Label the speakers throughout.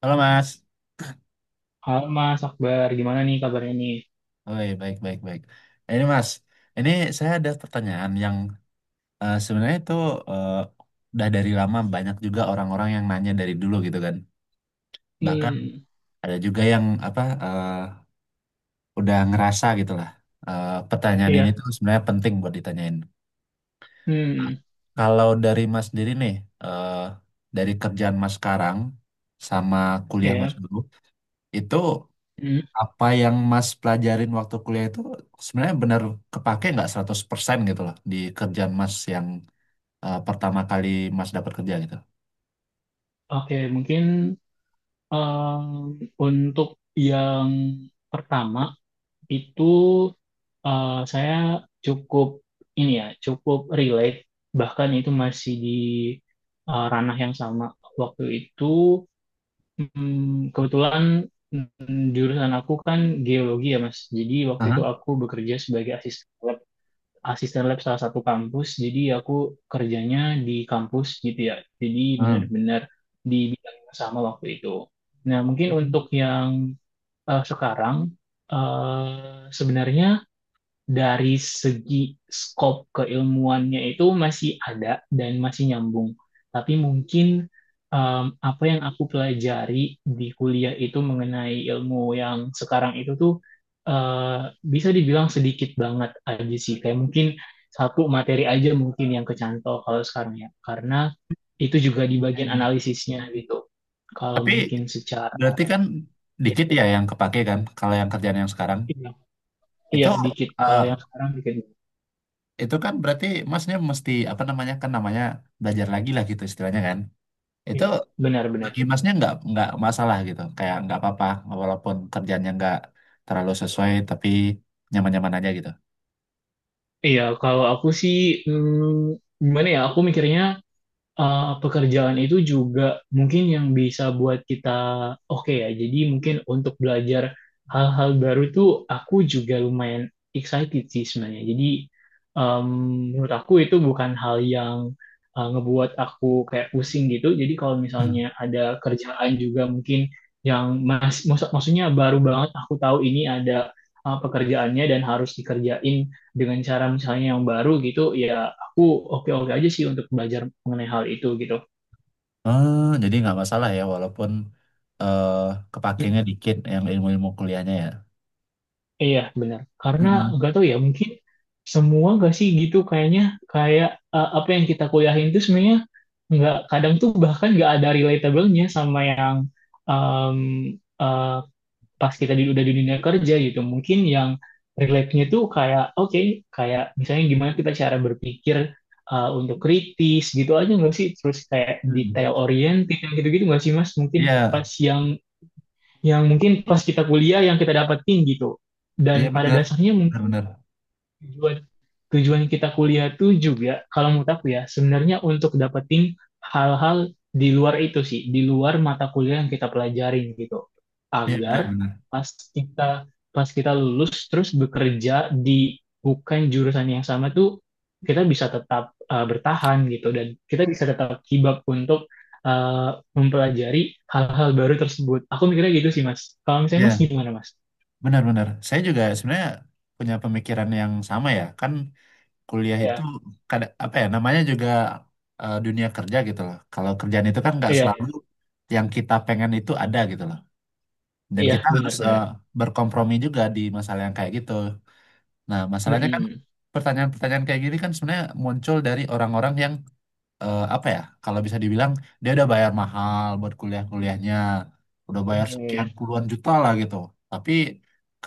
Speaker 1: Halo Mas.
Speaker 2: Halo Mas Akbar, gimana nih kabarnya nih?
Speaker 1: Oi, baik baik baik. Ini Mas, ini saya ada pertanyaan yang sebenarnya itu eh, udah dari lama banyak juga orang-orang yang nanya dari dulu gitu kan. Bahkan
Speaker 2: Hmm,
Speaker 1: ada juga yang apa udah ngerasa gitu lah. Pertanyaan ini
Speaker 2: iya,
Speaker 1: tuh sebenarnya penting buat ditanyain.
Speaker 2: hmm,
Speaker 1: Kalau dari Mas sendiri nih, eh, dari kerjaan Mas sekarang sama kuliah Mas
Speaker 2: iya,
Speaker 1: dulu, itu
Speaker 2: hmm.
Speaker 1: apa yang Mas pelajarin waktu kuliah itu sebenarnya benar kepake nggak 100% gitu loh di kerjaan Mas yang pertama kali Mas dapat kerja gitu.
Speaker 2: Oke, mungkin untuk yang pertama itu saya cukup ini ya, cukup relate, bahkan itu masih di ranah yang sama. Waktu itu kebetulan jurusan aku kan geologi ya Mas, jadi waktu itu
Speaker 1: Aha.
Speaker 2: aku bekerja sebagai asisten lab salah satu kampus. Jadi aku kerjanya di kampus gitu ya. Jadi
Speaker 1: Hmm.
Speaker 2: benar-benar di bidang yang sama waktu itu. Nah, mungkin untuk yang sekarang sebenarnya dari segi skop keilmuannya itu masih ada dan masih nyambung. Tapi mungkin apa yang aku pelajari di kuliah itu mengenai ilmu yang sekarang itu tuh eh, bisa dibilang sedikit banget aja sih. Kayak mungkin satu materi aja mungkin yang kecantol kalau sekarang ya. Karena itu juga di bagian analisisnya gitu. Kalau
Speaker 1: Tapi
Speaker 2: mungkin secara
Speaker 1: berarti kan
Speaker 2: ya,
Speaker 1: dikit ya yang kepake kan kalau yang kerjaan yang sekarang
Speaker 2: iya,
Speaker 1: itu
Speaker 2: iya, dikit. Kalau
Speaker 1: eh,
Speaker 2: yang sekarang dikit.
Speaker 1: itu kan berarti masnya mesti apa namanya kan namanya belajar lagi lah gitu istilahnya kan itu
Speaker 2: Iya, benar-benar.
Speaker 1: bagi masnya nggak masalah gitu kayak nggak apa-apa walaupun kerjanya nggak terlalu sesuai tapi nyaman-nyaman aja gitu.
Speaker 2: Iya, kalau aku sih gimana ya? Aku mikirnya pekerjaan itu juga mungkin yang bisa buat kita oke ya. Jadi mungkin untuk belajar hal-hal baru tuh aku juga lumayan excited sih sebenarnya. Jadi um, menurut aku itu bukan hal yang ngebuat aku kayak pusing gitu. Jadi kalau
Speaker 1: Hmm.
Speaker 2: misalnya ada kerjaan juga mungkin yang mas, maksudnya baru banget aku tahu ini ada pekerjaannya dan harus dikerjain dengan cara misalnya yang baru gitu ya aku oke-oke aja sih untuk belajar mengenai hal itu gitu.
Speaker 1: Oh jadi nggak masalah ya walaupun eh kepakainya
Speaker 2: Hmm.
Speaker 1: dikit yang ilmu-ilmu kuliahnya ya.
Speaker 2: Iya, benar. Karena
Speaker 1: Mm-mm.
Speaker 2: nggak tahu ya, mungkin semua nggak sih gitu kayaknya kayak apa yang kita kuliahin itu sebenarnya nggak kadang tuh bahkan nggak ada relatable-nya sama yang em, eh, pas kita udah di dunia kerja gitu mungkin yang relate-nya tuh kayak oke kayak misalnya gimana kita cara berpikir untuk kritis gitu aja nggak sih terus kayak detail
Speaker 1: Hmm.
Speaker 2: oriented yang gitu-gitu nggak sih Mas mungkin
Speaker 1: Iya,
Speaker 2: pas yang mungkin pas kita kuliah yang kita dapetin gitu
Speaker 1: iya
Speaker 2: dan pada
Speaker 1: benar,
Speaker 2: dasarnya
Speaker 1: benar,
Speaker 2: mungkin
Speaker 1: benar,
Speaker 2: tujuan tujuan kita kuliah tuh juga kalau menurut aku ya sebenarnya untuk dapetin hal-hal di luar itu sih di luar mata kuliah yang kita pelajarin gitu
Speaker 1: iya benar,
Speaker 2: agar
Speaker 1: benar,
Speaker 2: pas kita pas kita lulus terus bekerja di bukan jurusan yang sama tuh kita bisa tetap bertahan gitu dan kita bisa tetap kibap untuk eh, mempelajari hal-hal baru tersebut aku mikirnya gitu sih mas kalau misalnya mas
Speaker 1: iya
Speaker 2: gimana mas.
Speaker 1: benar, benar. Saya juga sebenarnya punya pemikiran yang sama ya, kan kuliah itu
Speaker 2: Iya,
Speaker 1: apa ya namanya juga dunia kerja gitu loh. Kalau kerjaan itu kan nggak
Speaker 2: iya, iya,
Speaker 1: selalu yang kita pengen itu ada gitu loh. Dan
Speaker 2: iya,
Speaker 1: kita harus
Speaker 2: benar-benar.
Speaker 1: berkompromi juga di masalah yang kayak gitu. Nah, masalahnya kan pertanyaan-pertanyaan kayak gini kan sebenarnya muncul dari orang-orang yang apa ya kalau bisa dibilang dia udah bayar mahal buat kuliah-kuliahnya udah bayar
Speaker 2: Iya,
Speaker 1: sekian puluhan juta lah gitu tapi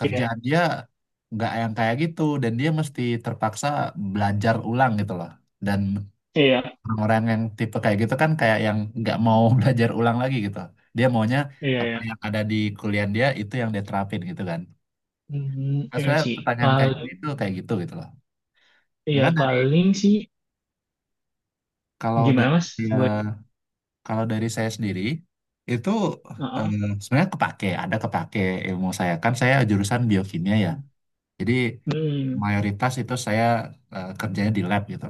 Speaker 2: iya,
Speaker 1: dia nggak yang kayak gitu dan dia mesti terpaksa belajar ulang gitu loh dan
Speaker 2: iya,
Speaker 1: orang-orang yang tipe kayak gitu kan kayak yang nggak mau belajar ulang lagi gitu dia maunya
Speaker 2: iya,
Speaker 1: apa
Speaker 2: iya.
Speaker 1: yang ada di kuliah dia itu yang dia terapin gitu kan.
Speaker 2: Hmm,
Speaker 1: Nah,
Speaker 2: iya
Speaker 1: sebenarnya
Speaker 2: sih.
Speaker 1: pertanyaan
Speaker 2: Paling,
Speaker 1: kayak gitu gitu loh. Nah,
Speaker 2: iya
Speaker 1: kan dari
Speaker 2: paling sih
Speaker 1: kalau
Speaker 2: gimana
Speaker 1: dari
Speaker 2: Mas? Buat,
Speaker 1: kalau dari saya sendiri itu eh,
Speaker 2: heeh.
Speaker 1: sebenarnya kepake, ada kepake ilmu saya kan saya jurusan biokimia ya. Jadi
Speaker 2: Hmm,
Speaker 1: mayoritas itu saya kerjanya di lab gitu.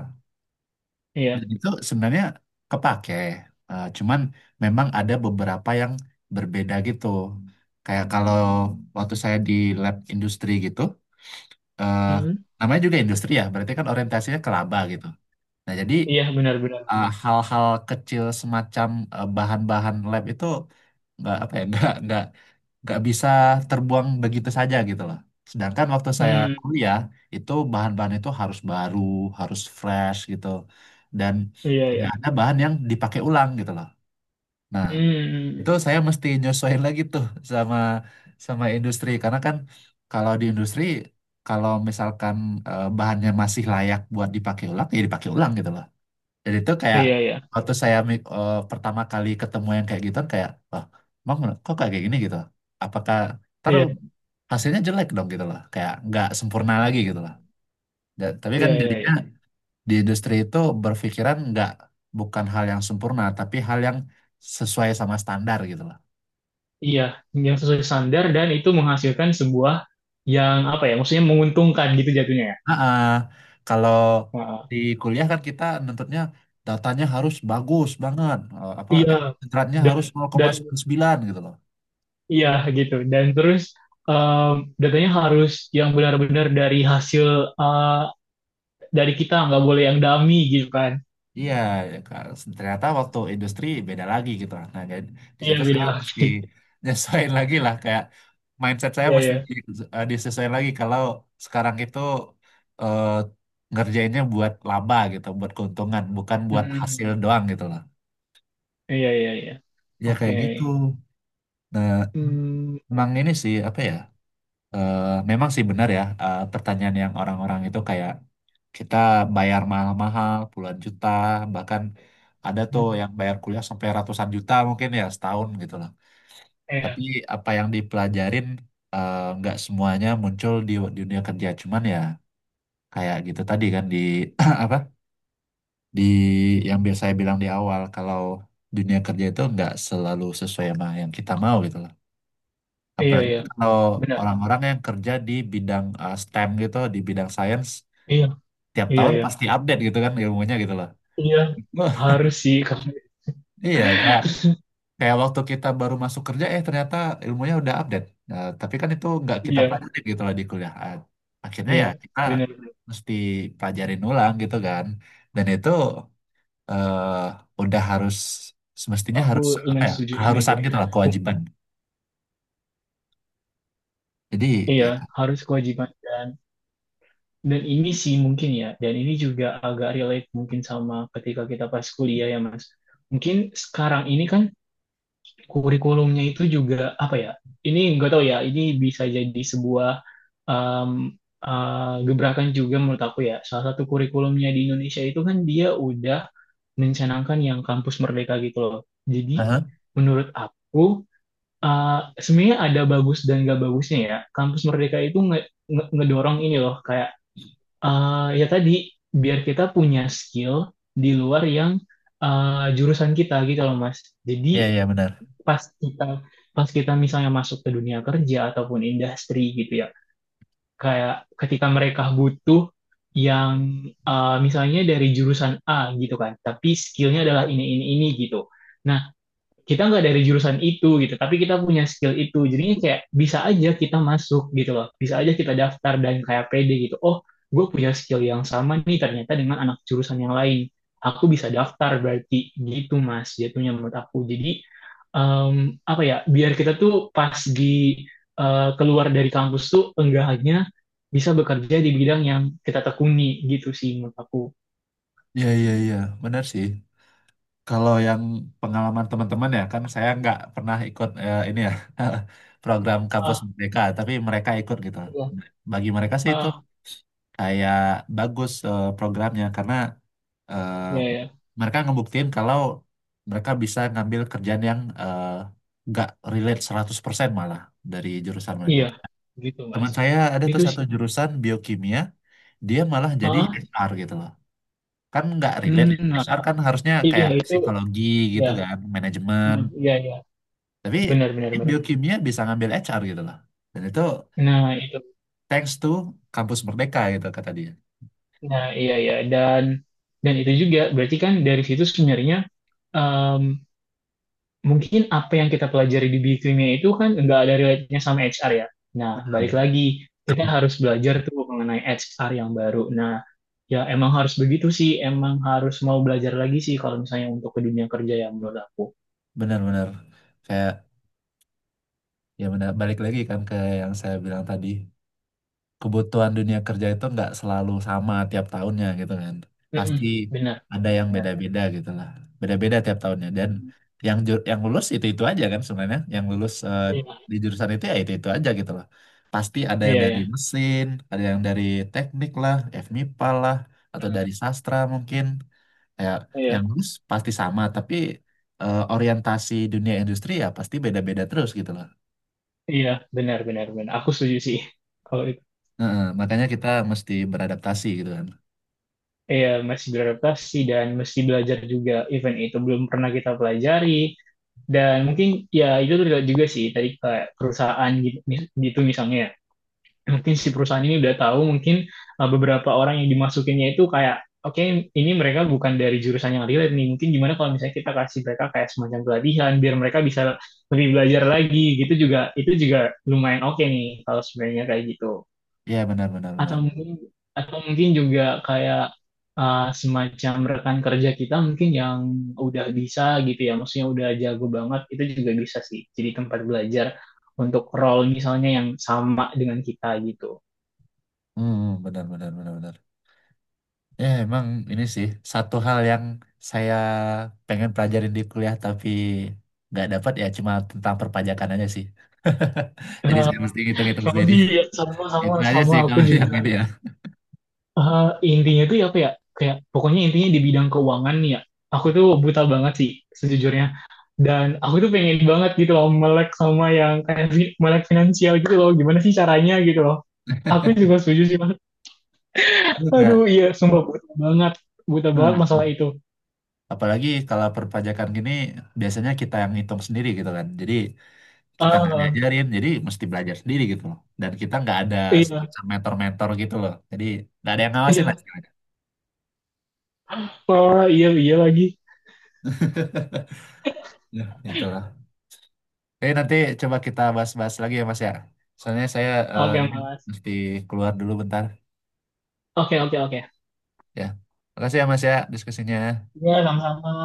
Speaker 2: iya.
Speaker 1: Dan itu sebenarnya kepake. Cuman memang ada beberapa yang berbeda gitu. Kayak kalau waktu saya di lab industri gitu, eh,
Speaker 2: Hmm.
Speaker 1: namanya juga industri ya, berarti kan orientasinya ke laba gitu. Nah, jadi
Speaker 2: Iya, benar-benar.
Speaker 1: hal-hal kecil semacam bahan-bahan lab itu nggak apa ya nggak bisa terbuang begitu saja gitu loh. Sedangkan waktu saya
Speaker 2: Hmm,
Speaker 1: kuliah itu bahan-bahan itu harus baru, harus fresh gitu, dan
Speaker 2: iya, iya.
Speaker 1: tidak ada bahan yang dipakai ulang gitu loh. Nah, itu
Speaker 2: Hmm,
Speaker 1: saya mesti nyesuaiin lagi tuh sama sama industri karena kan kalau di industri kalau misalkan bahannya masih layak buat dipakai ulang ya dipakai ulang gitu loh. Dan itu kayak
Speaker 2: iya, iya,
Speaker 1: waktu saya pertama kali ketemu yang kayak gitu kayak, wah, emang kok kayak gini gitu? Apakah ntar
Speaker 2: iya.
Speaker 1: hasilnya jelek dong gitu loh, kayak nggak sempurna lagi gitu
Speaker 2: Hmm,
Speaker 1: loh. Tapi kan
Speaker 2: iya, iya,
Speaker 1: jadinya
Speaker 2: iya.
Speaker 1: di industri itu berpikiran nggak bukan hal yang sempurna, tapi hal yang sesuai sama standar gitu loh.
Speaker 2: Iya, yang sesuai standar dan itu menghasilkan sebuah yang apa ya? Maksudnya menguntungkan gitu jatuhnya ya.
Speaker 1: Ah, ah. Kalau
Speaker 2: Heeh.
Speaker 1: di kuliah kan kita nuntutnya datanya harus bagus banget, apa
Speaker 2: Iya.
Speaker 1: internetnya
Speaker 2: Dan
Speaker 1: harus
Speaker 2: dan
Speaker 1: 0,9 gitu loh.
Speaker 2: iya gitu. Dan terus um, datanya harus yang benar-benar dari hasil uh, dari kita, nggak boleh yang dummy gitu kan.
Speaker 1: Iya, kar- ternyata waktu industri beda lagi gitu lah. Nah, jadi di
Speaker 2: Iya
Speaker 1: situ
Speaker 2: beda
Speaker 1: saya mesti
Speaker 2: lagi.
Speaker 1: nyesuaiin lagi lah kayak mindset saya
Speaker 2: Iya
Speaker 1: mesti
Speaker 2: iya.
Speaker 1: disesuaiin lagi kalau sekarang itu eh, ngerjainnya buat laba gitu, buat keuntungan, bukan buat hasil
Speaker 2: Mm.
Speaker 1: doang gitu lah.
Speaker 2: Iya iya iya.
Speaker 1: Ya
Speaker 2: Oke.
Speaker 1: kayak gitu. Nah,
Speaker 2: Hmm.
Speaker 1: emang ini sih apa ya? eh, Memang sih benar ya pertanyaan yang orang-orang itu kayak kita bayar mahal-mahal puluhan juta bahkan ada tuh yang bayar kuliah sampai ratusan juta mungkin ya setahun gitu loh tapi
Speaker 2: Iya
Speaker 1: apa yang dipelajarin nggak semuanya muncul di dunia kerja cuman ya kayak gitu tadi kan di apa di yang biasa saya bilang di awal kalau dunia kerja itu nggak selalu sesuai sama yang kita mau gitu loh
Speaker 2: iya
Speaker 1: apalagi
Speaker 2: iya.
Speaker 1: kalau
Speaker 2: Benar.
Speaker 1: orang-orang yang kerja di bidang STEM gitu di bidang sains
Speaker 2: Iya
Speaker 1: tiap
Speaker 2: iya
Speaker 1: tahun
Speaker 2: iya.
Speaker 1: pasti update gitu kan ilmunya gitu loh.
Speaker 2: Iya harus sih.
Speaker 1: Iya, kayak kayak waktu kita baru masuk kerja, ternyata ilmunya udah update. Nah, tapi kan itu nggak kita
Speaker 2: Iya
Speaker 1: pelajari gitu lah di kuliah. Ah, akhirnya
Speaker 2: iya.
Speaker 1: ya kita
Speaker 2: Benar.
Speaker 1: mesti pelajarin ulang gitu kan. Dan itu udah harus semestinya
Speaker 2: Aku
Speaker 1: harus apa
Speaker 2: lumayan
Speaker 1: ya?
Speaker 2: setuju sama
Speaker 1: Keharusan
Speaker 2: itu.
Speaker 1: gitu lah, kewajiban. Jadi
Speaker 2: Iya
Speaker 1: ya.
Speaker 2: harus kewajiban dan ini sih mungkin ya, dan ini juga agak relate mungkin sama ketika kita pas kuliah ya Mas. Mungkin sekarang ini kan kurikulumnya itu juga apa ya? Ini nggak tahu ya, ini bisa jadi sebuah um, gebrakan juga menurut aku ya. Salah satu kurikulumnya di Indonesia itu kan dia udah mencanangkan yang kampus merdeka gitu loh. Jadi
Speaker 1: Aha.
Speaker 2: menurut aku sebenarnya ada bagus dan gak bagusnya ya. Kampus merdeka itu ngedorong ini loh kayak ya tadi biar kita punya skill di luar yang jurusan kita gitu loh Mas.
Speaker 1: Iya
Speaker 2: Jadi
Speaker 1: iya benar.
Speaker 2: pas kita pas kita misalnya masuk ke dunia kerja ataupun industri gitu ya, kayak ketika mereka butuh yang misalnya dari jurusan A gitu kan, tapi skillnya adalah ini gitu. Nah, kita nggak dari jurusan itu gitu, tapi kita punya skill itu. Jadinya kayak bisa aja kita masuk gitu loh. Bisa aja kita daftar dan kayak pede gitu. Oh, gue punya skill yang sama nih ternyata dengan anak jurusan yang lain. Aku bisa daftar berarti gitu mas jatuhnya menurut aku. Jadi apa ya biar kita tuh pas di keluar dari kampus tuh enggak hanya bisa bekerja di bidang yang kita tekuni gitu sih menurut aku.
Speaker 1: Iya iya iya benar sih. Kalau yang pengalaman teman-teman ya kan saya nggak pernah ikut ini ya program kampus
Speaker 2: Ah,
Speaker 1: mereka, tapi mereka ikut gitu.
Speaker 2: iya.
Speaker 1: Bagi mereka sih itu
Speaker 2: Ah,
Speaker 1: kayak bagus programnya karena eh,
Speaker 2: ya ya
Speaker 1: mereka ngebuktiin kalau mereka bisa ngambil kerjaan yang nggak relate 100% malah dari jurusan mereka.
Speaker 2: iya, gitu mas.
Speaker 1: Teman saya ada tuh
Speaker 2: Itu
Speaker 1: satu
Speaker 2: sih.
Speaker 1: jurusan biokimia, dia malah jadi
Speaker 2: Ah,
Speaker 1: HR gitu loh. Kan nggak relate
Speaker 2: hmm,
Speaker 1: ya.
Speaker 2: nah,
Speaker 1: HR kan harusnya
Speaker 2: iya
Speaker 1: kayak
Speaker 2: itu
Speaker 1: psikologi
Speaker 2: ya,
Speaker 1: gitu kan, manajemen.
Speaker 2: hmm, iya iya,
Speaker 1: Tapi
Speaker 2: benar benar
Speaker 1: dia
Speaker 2: benar.
Speaker 1: biokimia bisa ngambil HR gitu loh. Dan itu
Speaker 2: Nah itu,
Speaker 1: thanks to kampus Merdeka gitu kata dia.
Speaker 2: nah iya iya dan itu juga berarti kan dari situ sebenarnya em, mungkin apa yang kita pelajari di bikinnya itu kan nggak ada relate-nya sama HR ya. Nah balik lagi kita harus belajar tuh mengenai HR yang baru. Nah ya emang harus begitu sih, emang harus mau belajar lagi sih kalau misalnya untuk ke dunia kerja yang menurut aku.
Speaker 1: Benar-benar kayak ya benar balik lagi kan ke yang saya bilang tadi kebutuhan dunia kerja itu nggak selalu sama tiap tahunnya gitu kan
Speaker 2: Mm-mm,
Speaker 1: pasti
Speaker 2: benar
Speaker 1: ada
Speaker 2: benar
Speaker 1: yang
Speaker 2: benar.
Speaker 1: beda-beda gitu lah beda-beda tiap tahunnya dan
Speaker 2: Hmm,
Speaker 1: yang yang lulus itu aja kan sebenarnya yang lulus
Speaker 2: iya
Speaker 1: di jurusan itu ya itu aja gitu loh pasti ada yang
Speaker 2: iya
Speaker 1: dari
Speaker 2: iya.
Speaker 1: mesin ada yang dari teknik lah FMIPA lah atau dari sastra mungkin ya yang
Speaker 2: Iya.
Speaker 1: bagus pasti sama tapi orientasi dunia industri ya pasti beda-beda terus gitu loh.
Speaker 2: Iya, benar, benar, benar. Aku setuju sih. Kalau itu,
Speaker 1: Heeh, makanya kita mesti beradaptasi gitu kan.
Speaker 2: iya, masih beradaptasi dan mesti belajar juga. Event itu belum pernah kita pelajari. Dan mungkin, ya, itu relate juga sih. Tadi kayak perusahaan gitu, gitu misalnya. Ya. Mungkin si perusahaan ini udah tahu, mungkin beberapa orang yang dimasukinnya itu kayak, oke, ini mereka bukan dari jurusan yang relate nih. Mungkin gimana kalau misalnya kita kasih mereka kayak semacam pelatihan, biar mereka bisa lebih belajar lagi. Gitu juga, itu juga lumayan oke nih, kalau sebenarnya kayak gitu.
Speaker 1: Ya benar benar
Speaker 2: atau
Speaker 1: benar.
Speaker 2: mungkin atau mungkin juga kayak semacam rekan kerja kita mungkin yang udah bisa gitu ya maksudnya udah jago banget itu juga bisa sih jadi tempat belajar untuk role misalnya yang sama dengan kita gitu.
Speaker 1: Hmm, benar benar benar benar ya emang ini sih satu hal yang saya pengen pelajarin di kuliah tapi nggak dapat ya cuma tentang perpajakan aja sih. Jadi
Speaker 2: Eh,
Speaker 1: saya mesti ngitung-ngitung
Speaker 2: sama
Speaker 1: sendiri.
Speaker 2: sih ya, sama sama
Speaker 1: Itu aja
Speaker 2: sama
Speaker 1: sih
Speaker 2: aku
Speaker 1: kalau yang
Speaker 2: juga.
Speaker 1: ini ya.
Speaker 2: Eh, intinya tuh ya apa ya kayak pokoknya intinya di bidang keuangan nih ya aku tuh buta banget sih sejujurnya dan aku tuh pengen banget gitu loh melek sama yang kayak melek finansial gitu loh gimana sih caranya gitu loh aku juga setuju sih Mas.
Speaker 1: Betul,
Speaker 2: Aduh iya sumpah buta banget
Speaker 1: Kak.
Speaker 2: masalah itu.
Speaker 1: Apalagi kalau perpajakan gini biasanya kita yang ngitung sendiri gitu kan. Jadi kita nggak
Speaker 2: Ah
Speaker 1: diajarin, jadi mesti belajar sendiri gitu loh. Dan kita nggak ada
Speaker 2: iya
Speaker 1: semacam mentor-mentor gitu loh. Jadi nggak ada yang ngawasin lah,
Speaker 2: iya
Speaker 1: istilahnya.
Speaker 2: oh iya iya lagi
Speaker 1: Ya, itulah. Jadi nanti coba kita bahas-bahas lagi ya Mas ya. Soalnya saya
Speaker 2: oke
Speaker 1: ini
Speaker 2: Mas
Speaker 1: mesti keluar dulu bentar
Speaker 2: oke oke oke
Speaker 1: ya. Makasih ya Mas ya diskusinya.
Speaker 2: iya sama-sama.